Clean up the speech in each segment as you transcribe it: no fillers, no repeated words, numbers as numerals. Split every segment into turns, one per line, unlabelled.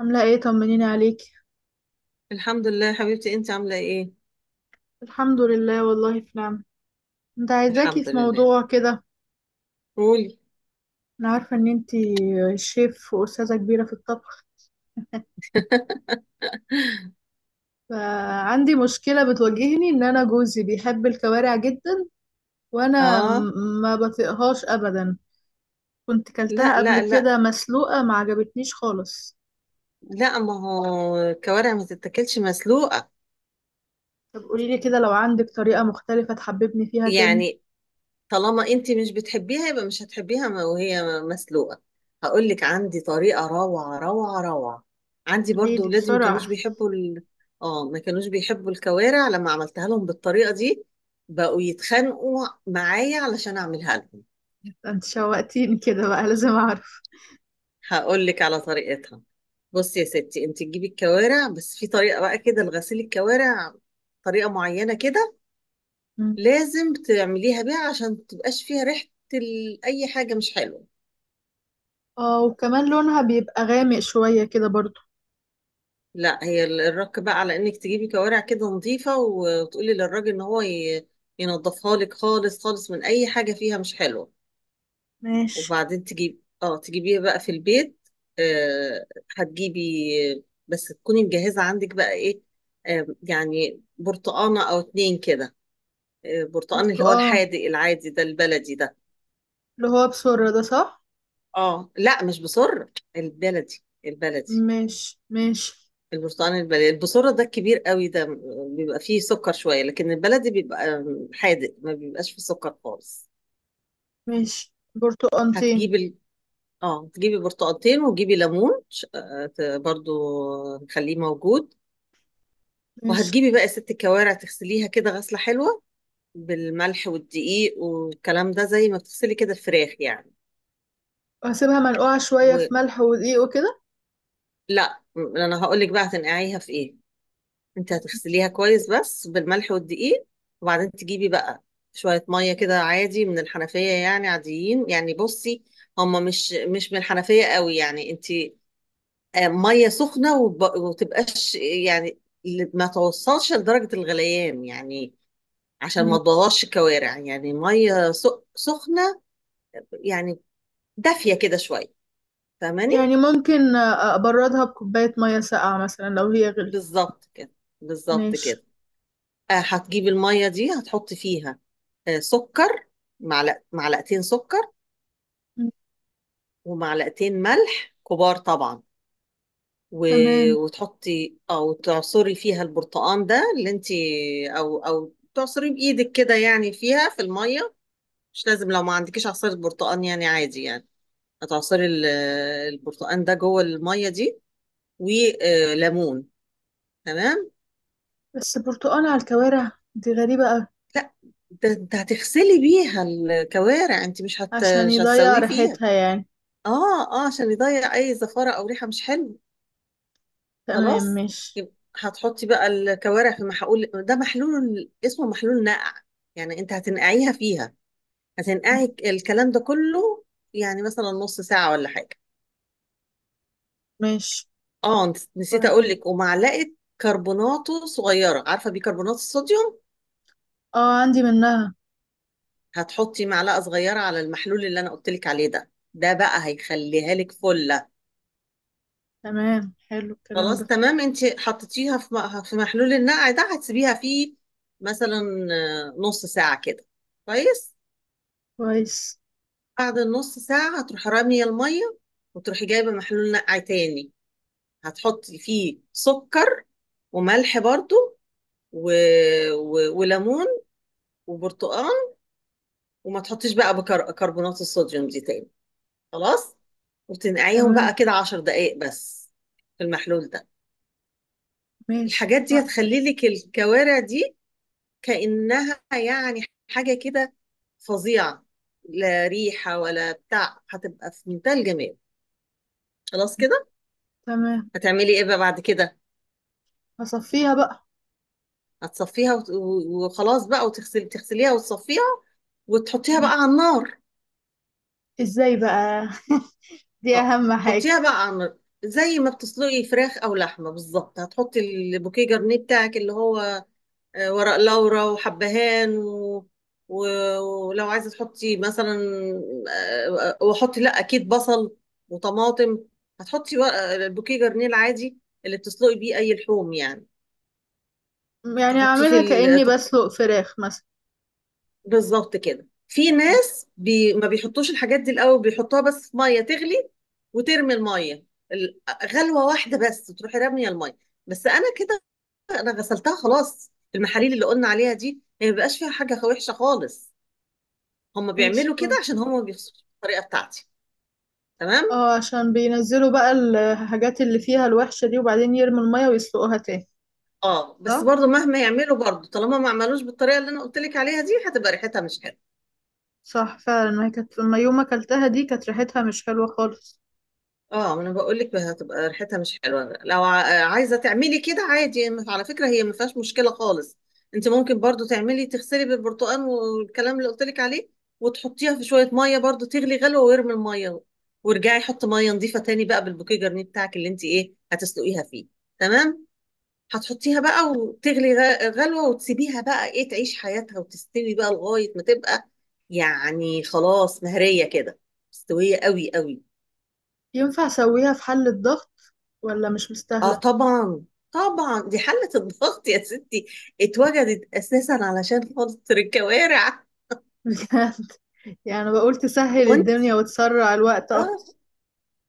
عاملة ايه؟ طمنيني عليك.
الحمد لله، حبيبتي. انت عامله ايه؟
الحمد لله، والله في نعمة. انت عايزاكي
الحمد
في
لله.
موضوع كده.
قولي.
انا عارفة ان انتي شيف واستاذة كبيرة في الطبخ. فعندي مشكلة بتواجهني ان انا جوزي بيحب الكوارع جدا، وانا
اه.
ما بطيقهاش ابدا. كنت
لا،
كلتها قبل
لا، لا،
كده مسلوقة ما عجبتنيش خالص.
لا. ما هو الكوارع ما تتاكلش مسلوقه.
طب قوليلي كده لو عندك طريقة مختلفة تحببني فيها تاني.
يعني طالما انت مش بتحبيها يبقى مش هتحبيها، وهي مسلوقه. هقول لك عندي طريقه روعه روعه روعه. عندي برضو
قوليلي
ولادي ما كانوش
بسرعة.
بيحبوا اه، ما كانوش بيحبوا الكوارع لما عملتها لهم بالطريقه دي. بقوا يتخانقوا معايا علشان اعملها لهم.
ده انت شوقتيني كده، بقى لازم اعرف.
هقول لك على طريقتها. بصي يا ستي، انت تجيبي الكوارع، بس في طريقه بقى كده لغسيل الكوارع. طريقه معينه كده.
مم.
لازم تعمليها بيها عشان متبقاش فيها ريحه، اي حاجه مش حلوه.
اه، وكمان لونها بيبقى غامق شوية كده برضه.
لا، هي الرك بقى على انك تجيبي كوارع كده نظيفه وتقولي للراجل ان هو ينضفها لك خالص خالص من اي حاجه فيها مش حلوه.
ماشي.
وبعدين تجيبيها بقى في البيت. آه هتجيبي. بس تكوني مجهزة عندك بقى ايه. يعني برتقانة او اتنين كده. برتقان اللي هو
برتقال
الحادق العادي ده، البلدي ده.
اللي هو بسرة ده، صح؟
اه، لا، مش بصر. البلدي البلدي.
ماشي ماشي.
البرتقان البلدي، البصرة ده الكبير قوي ده بيبقى فيه سكر شوية، لكن البلدي بيبقى حادق، ما بيبقاش فيه سكر خالص.
ماشي، برتقالتين.
هتجيبي اه، تجيبي برتقالتين، وتجيبي ليمون برضو نخليه موجود.
ماشي،
وهتجيبي بقى يا ست الكوارع، تغسليها كده غسلة حلوة بالملح والدقيق والكلام ده، زي ما بتغسلي كده الفراخ يعني.
وهسيبها منقوعة شوية
ولا،
في ملح ودقيق وكده.
انا هقول لك بقى هتنقعيها في ايه. انت هتغسليها كويس بس بالملح والدقيق، وبعدين تجيبي بقى شوية مية كده عادي من الحنفية، يعني عاديين. يعني بصي، هما مش من الحنفية قوي، يعني انت مية سخنة، وتبقاش يعني ما توصلش لدرجة الغليان، يعني عشان ما
مم.
تبوظش الكوارع. يعني ميه سخنه، يعني دافيه كده شويه. فاهماني؟
يعني ممكن أبردها بكوباية مية ساقعة مثلا لو هي غليت.
بالظبط كده، بالظبط
ماشي.
كده. هتجيب الميه دي، هتحط فيها سكر، معلقتين سكر،
مم.
ومعلقتين ملح كبار طبعا، و...
تمام.
وتحطي او تعصري فيها البرتقان ده اللي انت، او تعصري بايدك كده، يعني فيها في الميه. مش لازم لو ما عندكيش عصير برتقان، يعني عادي يعني. هتعصري البرتقان ده جوه الميه دي وليمون. تمام.
بس برتقال على الكوارع دي غريبة أوي.
لا، ده انت هتغسلي بيها الكوارع، انت مش
عشان يضيع
هتسويه فيها.
ريحتها يعني.
اه، عشان يضيع اي زفاره او ريحه مش حلوه.
تمام،
خلاص.
ماشي.
يبقى هتحطي بقى الكوارع في محلول. ده محلول اسمه محلول نقع، يعني انت هتنقعيها فيها،
مم.
هتنقعي الكلام ده كله يعني مثلا نص ساعه ولا حاجه.
ماشي.
اه، نسيت اقول
بعدين.
لك، ومعلقه كربوناته صغيره، عارفه بيكربونات الصوديوم.
اه، عندي منها.
هتحطي معلقة صغيرة على المحلول اللي أنا قلتلك عليه ده بقى هيخليها لك فلة.
تمام، حلو الكلام
خلاص،
ده.
تمام. انت حطيتيها في محلول النقع ده، هتسيبيها فيه مثلا نص ساعة كده. كويس.
كويس.
بعد النص ساعة هتروحي رامية المية، وتروحي جايبة محلول نقع تاني. هتحطي فيه سكر وملح برضو، و... وليمون وبرتقال، وما تحطيش بقى كربونات الصوديوم دي تاني. خلاص، وتنقعيهم بقى
تمام.
كده 10 دقايق بس في المحلول ده.
ماشي،
الحاجات دي
اتفقنا.
هتخلي لك الكوارع دي كأنها يعني حاجة كده فظيعة. لا ريحة ولا بتاع، هتبقى في منتهى الجمال. خلاص كده.
تمام.
هتعملي ايه بقى بعد كده؟
هصفيها بقى.
هتصفيها وخلاص بقى، تغسليها وتصفيها وتحطيها
مم.
بقى على النار.
ازاي بقى؟ دي
اه،
اهم حاجة.
حطيها بقى على النار زي ما بتسلقي فراخ او لحمه بالظبط. هتحطي البوكيه جرنيه بتاعك اللي هو ورق لورا وحبهان و... ولو عايزة تحطي مثلا وحطي، لا، أكيد بصل وطماطم. هتحطي البوكيه جرنيل عادي اللي بتسلقي بيه أي لحوم يعني.
يعني
تحطيه
اعملها كأني بسلق فراخ مثلا.
بالظبط كده. في ناس ما بيحطوش الحاجات دي الأول، بيحطوها بس في مية تغلي وترمي المية، ال- غلوة واحدة بس، وتروحي رامية المية. بس أنا كده، أنا غسلتها خلاص، المحاليل اللي قلنا عليها دي هي ما بيبقاش فيها حاجة وحشة خالص. هم
ماشي،
بيعملوا كده
كويس.
عشان هم ما بيخسروش الطريقه بتاعتي. تمام.
اه، عشان بينزلوا بقى الحاجات اللي فيها الوحشة دي، وبعدين يرموا المية ويسلقوها تاني.
اه، بس
صح؟
برضو مهما يعملوا، برضو طالما ما عملوش بالطريقه اللي انا قلت لك عليها دي، هتبقى ريحتها مش حلوه.
صح فعلا، ما هي كانت لما يوم اكلتها دي كانت ريحتها مش حلوة خالص.
اه، ما انا بقول لك هتبقى ريحتها مش حلوه. لو عايزه تعملي كده عادي، على فكره هي ما فيهاش مشكله خالص. انت ممكن برضو تغسلي بالبرتقال والكلام اللي قلت لك عليه، وتحطيها في شويه ميه برضو تغلي غلوه، وارمي الميه، وارجعي حطي ميه نظيفه تاني بقى بالبوكيه جرنيه بتاعك اللي انت ايه هتسلقيها فيه. تمام. هتحطيها بقى وتغلي غلوة، وتسيبيها بقى ايه تعيش حياتها وتستوي بقى لغاية ما تبقى، يعني خلاص، مهرية كده، مستوية قوي قوي.
ينفع اسويها في حلة ضغط ولا مش
اه
مستاهلة؟
طبعا، طبعا دي حلة الضغط يا ستي اتوجدت اساسا علشان خاطر الكوارع.
بجد. يعني أنا بقول تسهل الدنيا
وانتي
وتسرع الوقت
اه.
اكتر.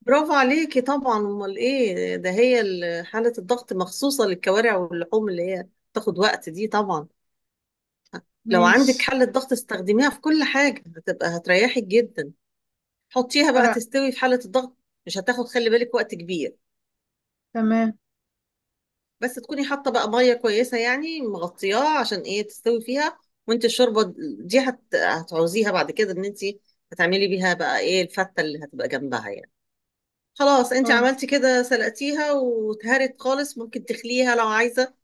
برافو عليكي طبعا، امال ايه، ده هي حالة الضغط مخصوصة للكوارع واللحوم اللي هي تاخد وقت دي طبعا. لو عندك
ماشي.
حلة ضغط استخدميها في كل حاجة، هتبقى هتريحك جدا. حطيها بقى
انا.
تستوي في حالة الضغط، مش هتاخد خلي بالك وقت كبير.
تمام.
بس تكوني حاطة بقى مية كويسة، يعني مغطياها عشان ايه تستوي فيها. وانت الشوربة دي هتعوزيها بعد كده، ان انت هتعملي بيها بقى ايه الفتة اللي هتبقى جنبها يعني. خلاص، انت
اه،
عملتي كده، سلقتيها واتهرت خالص، ممكن تخليها لو عايزة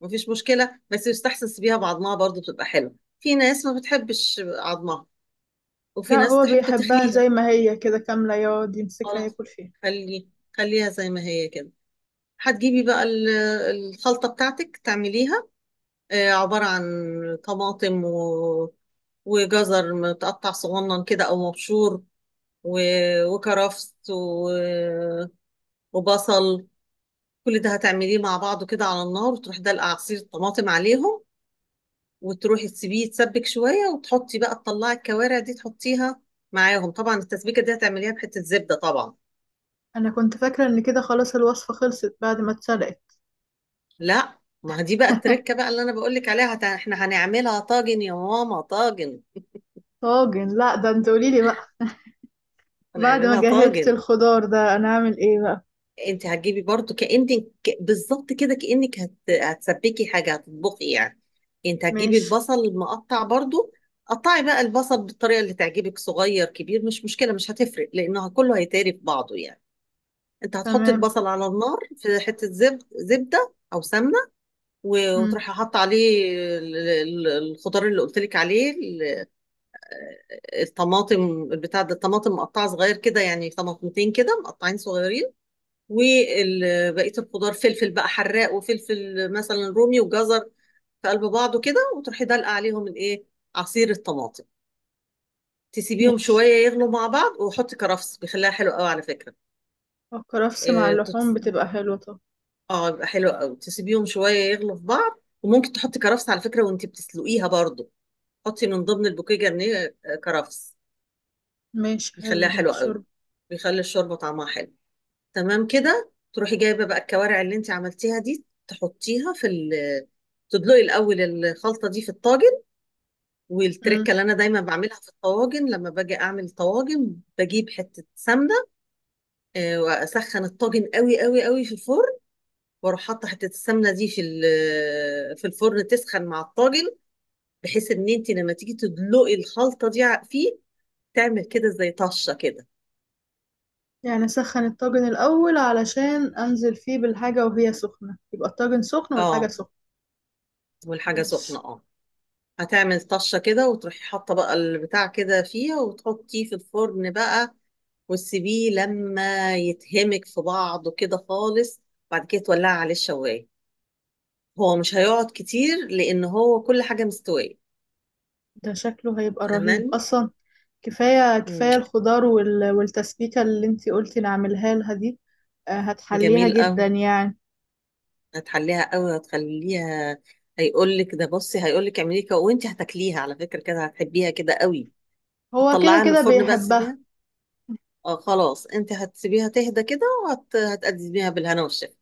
مفيش مشكلة، بس يستحسن تسيبيها بعضمها برضو، بتبقى حلوة. في ناس ما بتحبش عظمها، وفي
لا
ناس
هو
تحب
بيحبها
تخليها.
زي ما هي كده كاملة، يقعد يمسكها
خلاص،
ياكل فيها.
خلي خليها زي ما هي كده. هتجيبي بقى الخلطة بتاعتك تعمليها عبارة عن طماطم وجزر متقطع صغنن كده أو مبشور، و... وكرفس وبصل. كل ده هتعمليه مع بعضه كده على النار، وتروحي دلقة عصير الطماطم عليهم، وتروحي تسيبيه يتسبك شوية، وتحطي بقى تطلعي الكوارع دي تحطيها معاهم. طبعا التسبيكة دي هتعمليها بحتة زبدة طبعا.
انا كنت فاكرة ان كده خلاص الوصفة خلصت بعد ما اتسلقت.
لا، ما دي بقى التركة بقى اللي أنا بقولك عليها. احنا هنعملها طاجن يا ماما، طاجن.
طاجن؟ لا ده انت قوليلي بقى. بعد ما
هنعملها
جهزت
طاجن.
الخضار ده انا اعمل ايه بقى؟
انت هتجيبي برضو بالظبط كده، كأنك هتسبكي حاجة، هتطبخي يعني. انت هتجيبي
ماشي.
البصل المقطع برضو. قطعي بقى البصل بالطريقة اللي تعجبك، صغير كبير مش مشكلة، مش هتفرق لأنه كله هيتهري في بعضه يعني. انت هتحطي
تمام.
البصل على النار في حتة زبدة أو سمنة،
مم.
وتروحي حاطة عليه الخضار اللي قلت لك عليه، الطماطم. بتاع ده الطماطم مقطعة صغير كده، يعني طماطمتين كده مقطعين صغيرين، وبقية الخضار، فلفل بقى حراق وفلفل مثلا رومي وجزر، في قلب بعضه كده، وتروحي دلقة عليهم الايه، عصير الطماطم. تسيبيهم
ماشي.
شوية يغلوا مع بعض، وحطي كرفس، بيخليها حلو قوي على فكرة.
الكرفس مع
اه
اللحوم بتبقى حلوة، طب.
آه، يبقى حلو قوي. تسيبيهم شوية يغلوا في بعض، وممكن تحطي كرفس على فكرة وانت بتسلقيها برضو. حطي من ضمن البوكيه جرنيه كرفس،
ماشي حلو
بيخليها
ده،
حلوة قوي،
الشرب.
بيخلي الشوربة طعمها حلو. تمام كده. تروحي جايبه بقى الكوارع اللي انت عملتيها دي، تحطيها في ال تدلقي الاول الخلطه دي في الطاجن.
مم.
والتركه اللي انا دايما بعملها في الطواجن لما باجي اعمل طواجن، بجيب حته سمنه واسخن الطاجن قوي قوي قوي في الفرن، واروح حاطه حته السمنه دي في الفرن تسخن مع الطاجن، بحيث ان انت لما تيجي تدلقي الخلطه دي فيه، تعمل كده زي طشه كده.
يعني اسخن الطاجن الاول علشان انزل فيه بالحاجة وهي سخنة، يبقى الطاجن سخن والحاجة
اه،
سخنة.
والحاجه سخنه،
ماشي.
اه. هتعمل طشة كده، وتروحي حاطة بقى البتاع كده فيها، وتحطيه في الفرن بقى وتسيبيه لما يتهمك في بعضه كده خالص. بعد كده تولعي عليه الشواية. هو مش هيقعد كتير لأن هو كل حاجة مستوية.
ده شكله هيبقى رهيب
فاهماني؟
اصلا. كفايه
مم.
كفايه الخضار وال- والتسبيكه اللي انتي قلتي نعملها لها دي. آه، هتحليها
جميل
جدا
قوي.
يعني.
هتحليها قوي، هتخليها، هيقولك ده بصي، هيقولك اعملي كده، وانت هتاكليها على فكرة كده هتحبيها كده قوي.
هو كده
هتطلعيها من
كده
الفرن بقى
بيحبها.
تسيبيها. اه، خلاص، انت هتسيبيها تهدى كده، وهتقدميها بالهنا والشفا.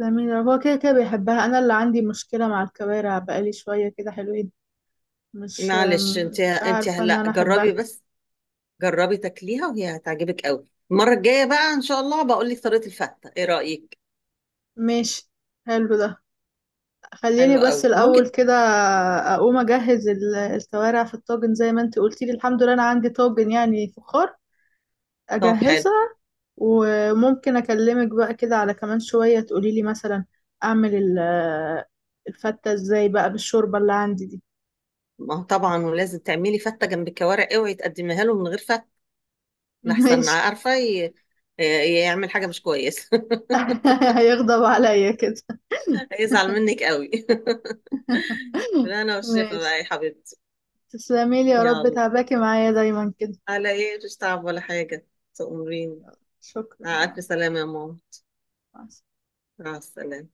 جميل، هو كده كده بيحبها. انا اللي عندي مشكله مع الكوارع بقالي شويه كده حلوين. مش
معلش،
آم،
انت
مش
انت
عارفه ان
هلا
انا
جربي
احبها.
بس. جربي تاكليها وهي هتعجبك قوي. المره الجايه بقى ان شاء الله بقول لك طريقه الفته، ايه رايك؟
ماشي، حلو ده. خليني
حلو
بس
قوي
الاول
ممكن.
كده اقوم اجهز الكوارع في الطاجن زي ما انتي قلتي لي. الحمد لله انا عندي طاجن يعني فخار،
طب حلو.
اجهزه. وممكن اكلمك بقى كده على كمان شوية تقولي لي مثلا اعمل الفتة ازاي بقى بالشوربة اللي عندي دي.
ما هو طبعا، ولازم تعملي فته جنب الكوارع، اوعي تقدميها له من غير فته، لحسن
ماشي.
عارفه يعمل حاجه مش كويسه.
هيغضب عليا كده.
هيزعل منك قوي. بالهنا والشفا
ماشي.
بقى يا حبيبتي.
تسلميلي يا رب،
يلا،
تعباكي معايا دايما كده.
على ايه، مش تعب ولا حاجه. تأمريني.
شكرا،
مع
مع
الف
السلامة.
سلامه يا ماما. مع السلامه.